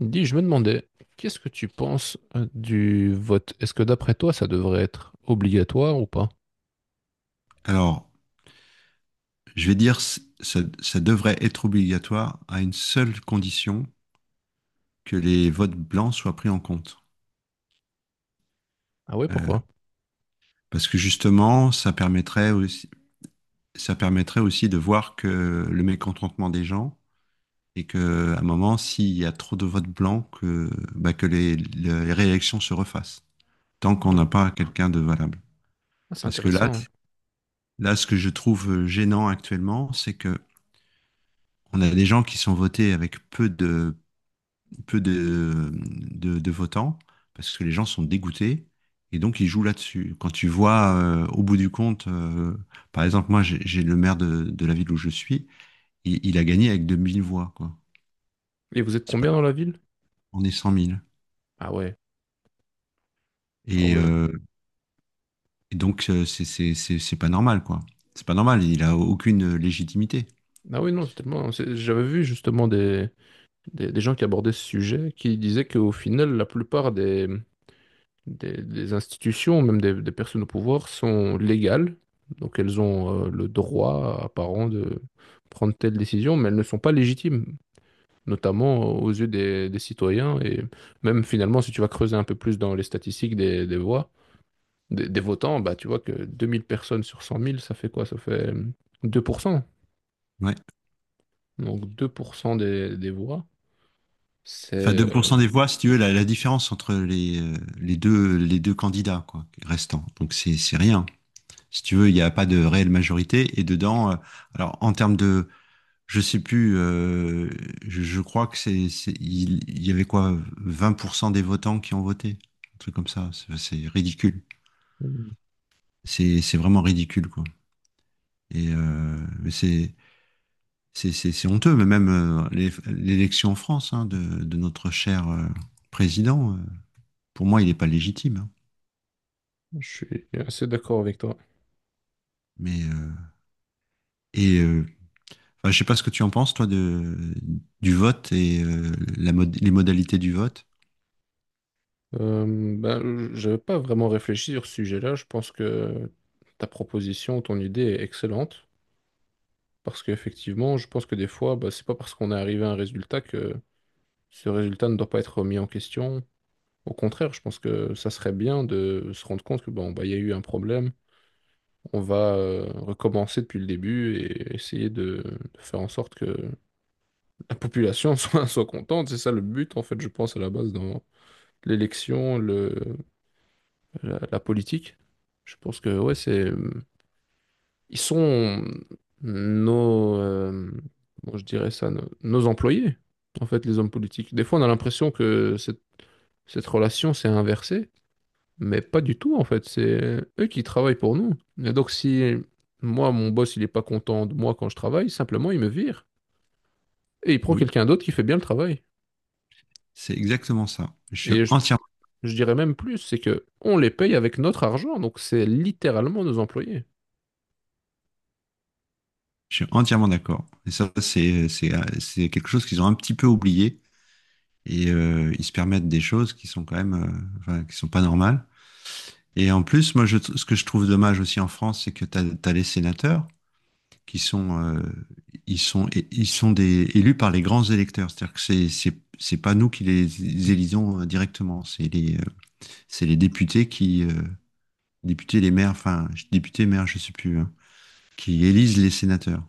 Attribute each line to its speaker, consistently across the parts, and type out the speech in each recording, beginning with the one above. Speaker 1: Dis, je me demandais, qu'est-ce que tu penses du vote? Est-ce que d'après toi, ça devrait être obligatoire ou pas?
Speaker 2: Alors, je vais dire, ça devrait être obligatoire à une seule condition, que les votes blancs soient pris en compte.
Speaker 1: Ah ouais,
Speaker 2: Euh,
Speaker 1: pourquoi?
Speaker 2: Parce que justement, ça permettrait aussi de voir que le mécontentement des gens et que, à un moment, s'il y a trop de votes blancs, que, bah, que les réélections se refassent, tant qu'on
Speaker 1: Ah,
Speaker 2: n'a pas quelqu'un de valable.
Speaker 1: ah, c'est
Speaker 2: Parce que là,
Speaker 1: intéressant.
Speaker 2: là, ce que je trouve gênant actuellement, c'est que on a des gens qui sont votés avec peu de votants parce que les gens sont dégoûtés et donc ils jouent là-dessus. Quand tu vois, au bout du compte, par exemple, moi j'ai le maire de la ville où je suis, il a gagné avec 2 000 voix, quoi.
Speaker 1: Et vous êtes
Speaker 2: C'est pas,
Speaker 1: combien dans la ville?
Speaker 2: On est 100 000.
Speaker 1: Ah ouais, ah
Speaker 2: Et,
Speaker 1: ouais.
Speaker 2: euh, et donc, c'est pas normal, quoi. C'est pas normal, il a aucune légitimité.
Speaker 1: Ah ouais, non, totalement. J'avais vu justement des gens qui abordaient ce sujet, qui disaient qu'au final, la plupart des institutions, même des personnes au pouvoir, sont légales. Donc elles ont le droit apparent de prendre telle décision, mais elles ne sont pas légitimes, notamment aux yeux des citoyens. Et même finalement, si tu vas creuser un peu plus dans les statistiques des voix, des votants, bah, tu vois que 2 000 personnes sur 100 000, ça fait quoi? Ça fait deux pour cent.
Speaker 2: Ouais.
Speaker 1: Donc 2% des voix, c'est...
Speaker 2: Enfin, deux pour cent des voix, si tu veux, la différence entre les deux candidats, quoi, restants. Donc c'est rien. Si tu veux, il n'y a pas de réelle majorité. Et dedans, alors en termes de, je sais plus, je crois que il y avait quoi, 20% des votants qui ont voté, un truc comme ça. C'est ridicule. C'est vraiment ridicule, quoi. Mais c'est honteux. Mais même, l'élection en France, hein, de notre cher, président, pour moi, il n'est pas légitime, hein.
Speaker 1: je suis assez d'accord avec toi.
Speaker 2: Mais euh, et euh, Enfin, je sais pas ce que tu en penses, toi, du vote et, les modalités du vote.
Speaker 1: Euh, ben, je n'avais pas vraiment réfléchi sur ce sujet-là. Je pense que ta proposition, ton idée est excellente. Parce qu'effectivement, je pense que des fois, bah, c'est pas parce qu'on est arrivé à un résultat que ce résultat ne doit pas être remis en question. Au contraire, je pense que ça serait bien de se rendre compte que bon, bah, il y a eu un problème. On va recommencer depuis le début et essayer de faire en sorte que la population soit contente. C'est ça le but, en fait, je pense, à la base, dans l'élection, le, la politique. Je pense que, ouais, c'est. Ils sont nos, comment je dirais ça, nos employés, en fait, les hommes politiques. Des fois, on a l'impression que cette relation s'est inversée. Mais pas du tout, en fait. C'est eux qui travaillent pour nous. Et donc, si moi, mon boss, il est pas content de moi quand je travaille, simplement, il me vire. Et il prend
Speaker 2: Oui,
Speaker 1: quelqu'un d'autre qui fait bien le travail.
Speaker 2: c'est exactement ça.
Speaker 1: Et je dirais même plus, c'est que on les paye avec notre argent. Donc, c'est littéralement nos employés.
Speaker 2: Je suis entièrement d'accord. Et ça, c'est quelque chose qu'ils ont un petit peu oublié. Ils se permettent des choses qui sont quand même, enfin, qui sont pas normales. Et en plus, ce que je trouve dommage aussi en France, c'est que tu as, les sénateurs qui sont, ils sont, ils sont des, élus par les grands électeurs. C'est-à-dire que c'est pas nous qui les élisons, directement, c'est les députés qui, députés, les maires, enfin, députés, maires, je sais plus, hein, qui élisent les sénateurs.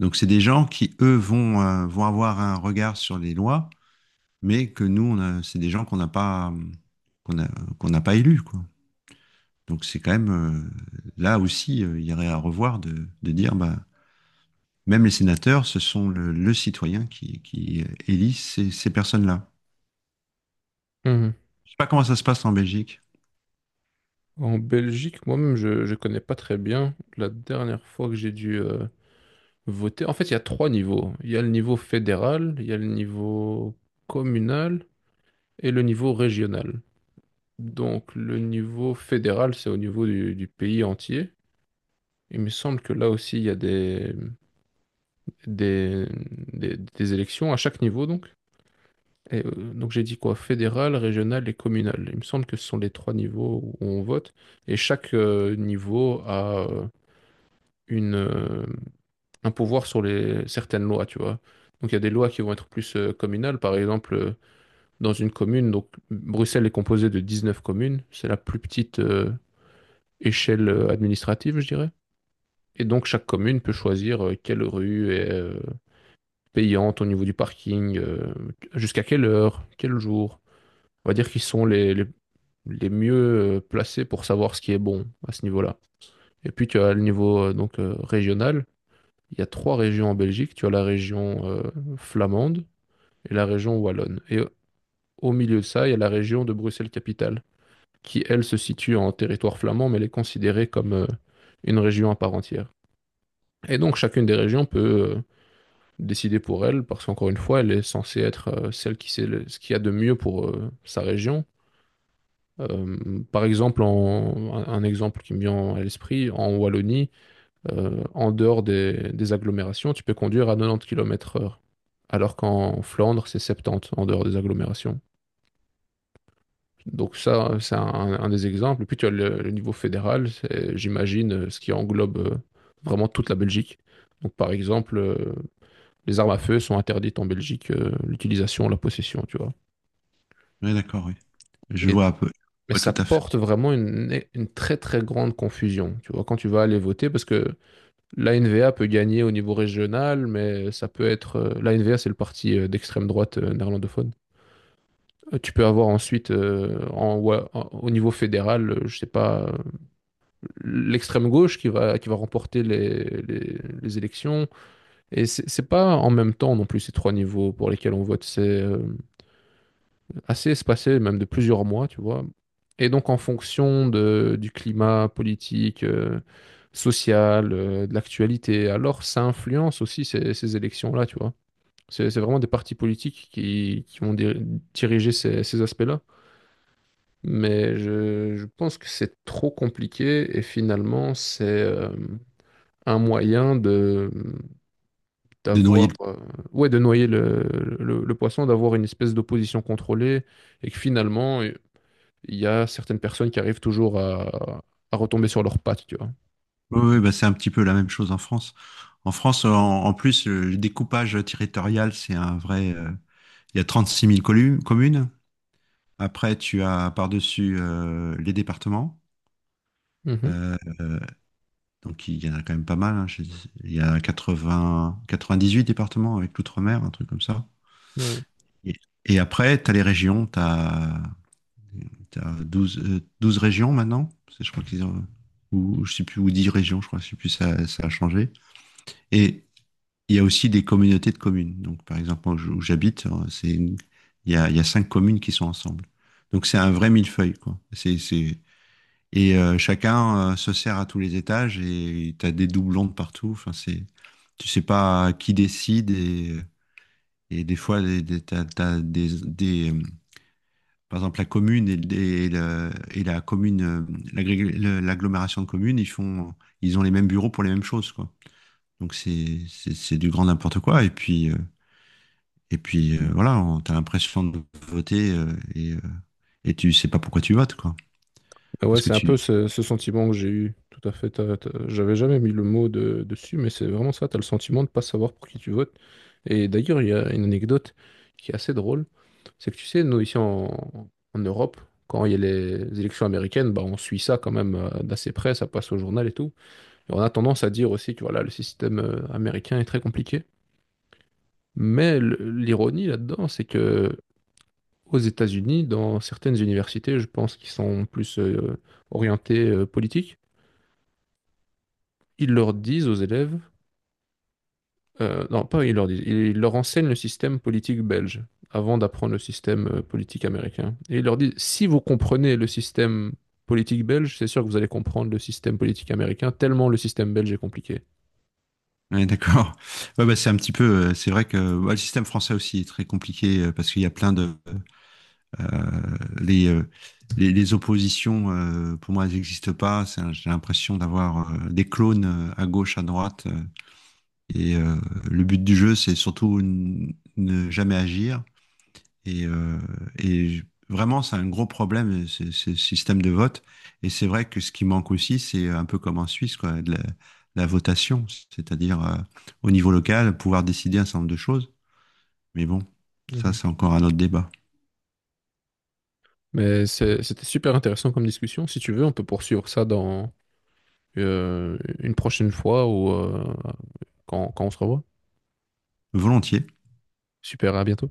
Speaker 2: Donc, c'est des gens qui, eux, vont avoir un regard sur les lois, mais que nous, c'est des gens qu'on a- qu'on n'a pas élus, quoi. Donc, c'est quand même, là aussi, il y aurait à revoir de dire, bah, même les sénateurs, ce sont le citoyen qui élit ces personnes-là.
Speaker 1: Mhm.
Speaker 2: Je ne sais pas comment ça se passe en Belgique.
Speaker 1: En Belgique, moi-même, je ne connais pas très bien. La dernière fois que j'ai dû voter, en fait, il y a trois niveaux. Il y a le niveau fédéral, il y a le niveau communal et le niveau régional. Donc le niveau fédéral, c'est au niveau du pays entier. Il me semble que là aussi, il y a des, des élections à chaque niveau, donc. Et, donc j'ai dit quoi? Fédéral, régional et communal. Il me semble que ce sont les trois niveaux où on vote. Et chaque niveau a une, un pouvoir sur les, certaines lois, tu vois. Donc il y a des lois qui vont être plus communales. Par exemple, dans une commune, donc Bruxelles est composée de 19 communes. C'est la plus petite échelle administrative, je dirais. Et donc chaque commune peut choisir quelle rue est payante au niveau du parking, jusqu'à quelle heure, quel jour. On va dire qu'ils sont les, les mieux placés pour savoir ce qui est bon à ce niveau-là. Et puis tu as le niveau donc régional. Il y a trois régions en Belgique. Tu as la région flamande et la région wallonne. Et au milieu de ça, il y a la région de Bruxelles-Capitale, qui elle se situe en territoire flamand, mais elle est considérée comme une région à part entière. Et donc chacune des régions peut décider pour elle, parce qu'encore une fois, elle est censée être celle qui sait ce qu'il y a de mieux pour sa région. Euh, par exemple, un exemple qui me vient à l'esprit, en Wallonie, en dehors des agglomérations, tu peux conduire à 90 km/h heure, alors qu'en Flandre, c'est 70 en dehors des agglomérations. Donc ça, c'est un des exemples. Et puis tu as le niveau fédéral, c'est, j'imagine, ce qui englobe vraiment toute la Belgique. Donc par exemple, les armes à feu sont interdites en Belgique, l'utilisation, la possession, tu vois.
Speaker 2: Oui, d'accord, oui. Je
Speaker 1: Et,
Speaker 2: vois un peu, je
Speaker 1: mais
Speaker 2: vois
Speaker 1: ça
Speaker 2: tout à fait.
Speaker 1: porte vraiment une très très grande confusion, tu vois, quand tu vas aller voter, parce que l'ANVA peut gagner au niveau régional, mais ça peut être... l'ANVA, c'est le parti d'extrême droite néerlandophone. Tu peux avoir ensuite, ouais, au niveau fédéral, je sais pas, l'extrême gauche qui va remporter les, les élections. Et c'est pas en même temps non plus ces trois niveaux pour lesquels on vote. C'est, assez espacé, même de plusieurs mois, tu vois. Et donc, en fonction de, du climat politique, social, de l'actualité, alors ça influence aussi ces, ces élections-là, tu vois. C'est vraiment des partis politiques qui vont diriger ces, ces aspects-là. Mais je pense que c'est trop compliqué et finalement, c'est un moyen de
Speaker 2: De noyer
Speaker 1: d'avoir
Speaker 2: le...
Speaker 1: ouais de noyer le poisson, d'avoir une espèce d'opposition contrôlée et que finalement il y a certaines personnes qui arrivent toujours à retomber sur leurs pattes, tu vois.
Speaker 2: Oui, oui, bah, c'est un petit peu la même chose en France. En France, en plus, le découpage territorial, c'est un vrai. Il y a 36 000 communes. Après, tu as par-dessus, les départements.
Speaker 1: Mhm.
Speaker 2: Euh, euh, donc, il y en a quand même pas mal, hein. Il y a quatre-vingt dix 98 départements avec l'outre-mer, un truc comme ça.
Speaker 1: Non.
Speaker 2: Et, et après, tu as les régions. Tu as, 12 12 régions maintenant. Parce que je crois qu'ils ont... Ou je sais plus, ou 10 régions, je crois, je sais plus, ça a changé. Et, il y a aussi des communautés de communes. Donc, par exemple, moi, où j'habite, il y a cinq communes qui sont ensemble. Donc, c'est un vrai millefeuille, quoi. C'est... Chacun, se sert à tous les étages et tu as des doublons de partout. Enfin, c'est... Tu sais pas qui décide et des fois, t'as par exemple, la commune et la commune, l'agglomération de communes, ils ont les mêmes bureaux pour les mêmes choses, quoi. Donc, c'est du grand n'importe quoi. Et puis, voilà, t'as l'impression de voter, et tu sais pas pourquoi tu votes, quoi.
Speaker 1: Mais ouais,
Speaker 2: Parce que
Speaker 1: c'est un peu
Speaker 2: tu...
Speaker 1: ce, ce sentiment que j'ai eu. Tout à fait. J'avais jamais mis le mot dessus, mais c'est vraiment ça. Tu as le sentiment de pas savoir pour qui tu votes. Et d'ailleurs, il y a une anecdote qui est assez drôle. C'est que tu sais, nous, ici en Europe, quand il y a les élections américaines, bah, on suit ça quand même d'assez près. Ça passe au journal et tout. Et on a tendance à dire aussi que voilà, le système américain est très compliqué. Mais l'ironie là-dedans, c'est que aux États-Unis, dans certaines universités, je pense qu'ils sont plus orientées politiques, ils leur disent aux élèves, non, pas ils leur disent, ils leur enseignent le système politique belge avant d'apprendre le système politique américain. Et ils leur disent, si vous comprenez le système politique belge, c'est sûr que vous allez comprendre le système politique américain, tellement le système belge est compliqué.
Speaker 2: Ouais, d'accord. Ouais, bah, c'est un petit peu... C'est vrai que, ouais, le système français aussi est très compliqué, parce qu'il y a plein de... euh, les, euh, les oppositions, pour moi, elles n'existent pas. J'ai l'impression d'avoir, des clones, à gauche, à droite. Et euh, le but du jeu, c'est surtout ne jamais agir. Et, euh, et j- Vraiment, c'est un gros problème, ce système de vote. Et c'est vrai que ce qui manque aussi, c'est un peu comme en Suisse, quoi, de la votation, c'est-à-dire, au niveau local, pouvoir décider un certain nombre de choses. Mais bon, ça,
Speaker 1: Mhm.
Speaker 2: c'est encore un autre débat.
Speaker 1: Mais c'était super intéressant comme discussion. Si tu veux, on peut poursuivre ça dans une prochaine fois ou quand quand on se revoit.
Speaker 2: Volontiers.
Speaker 1: Super, à bientôt.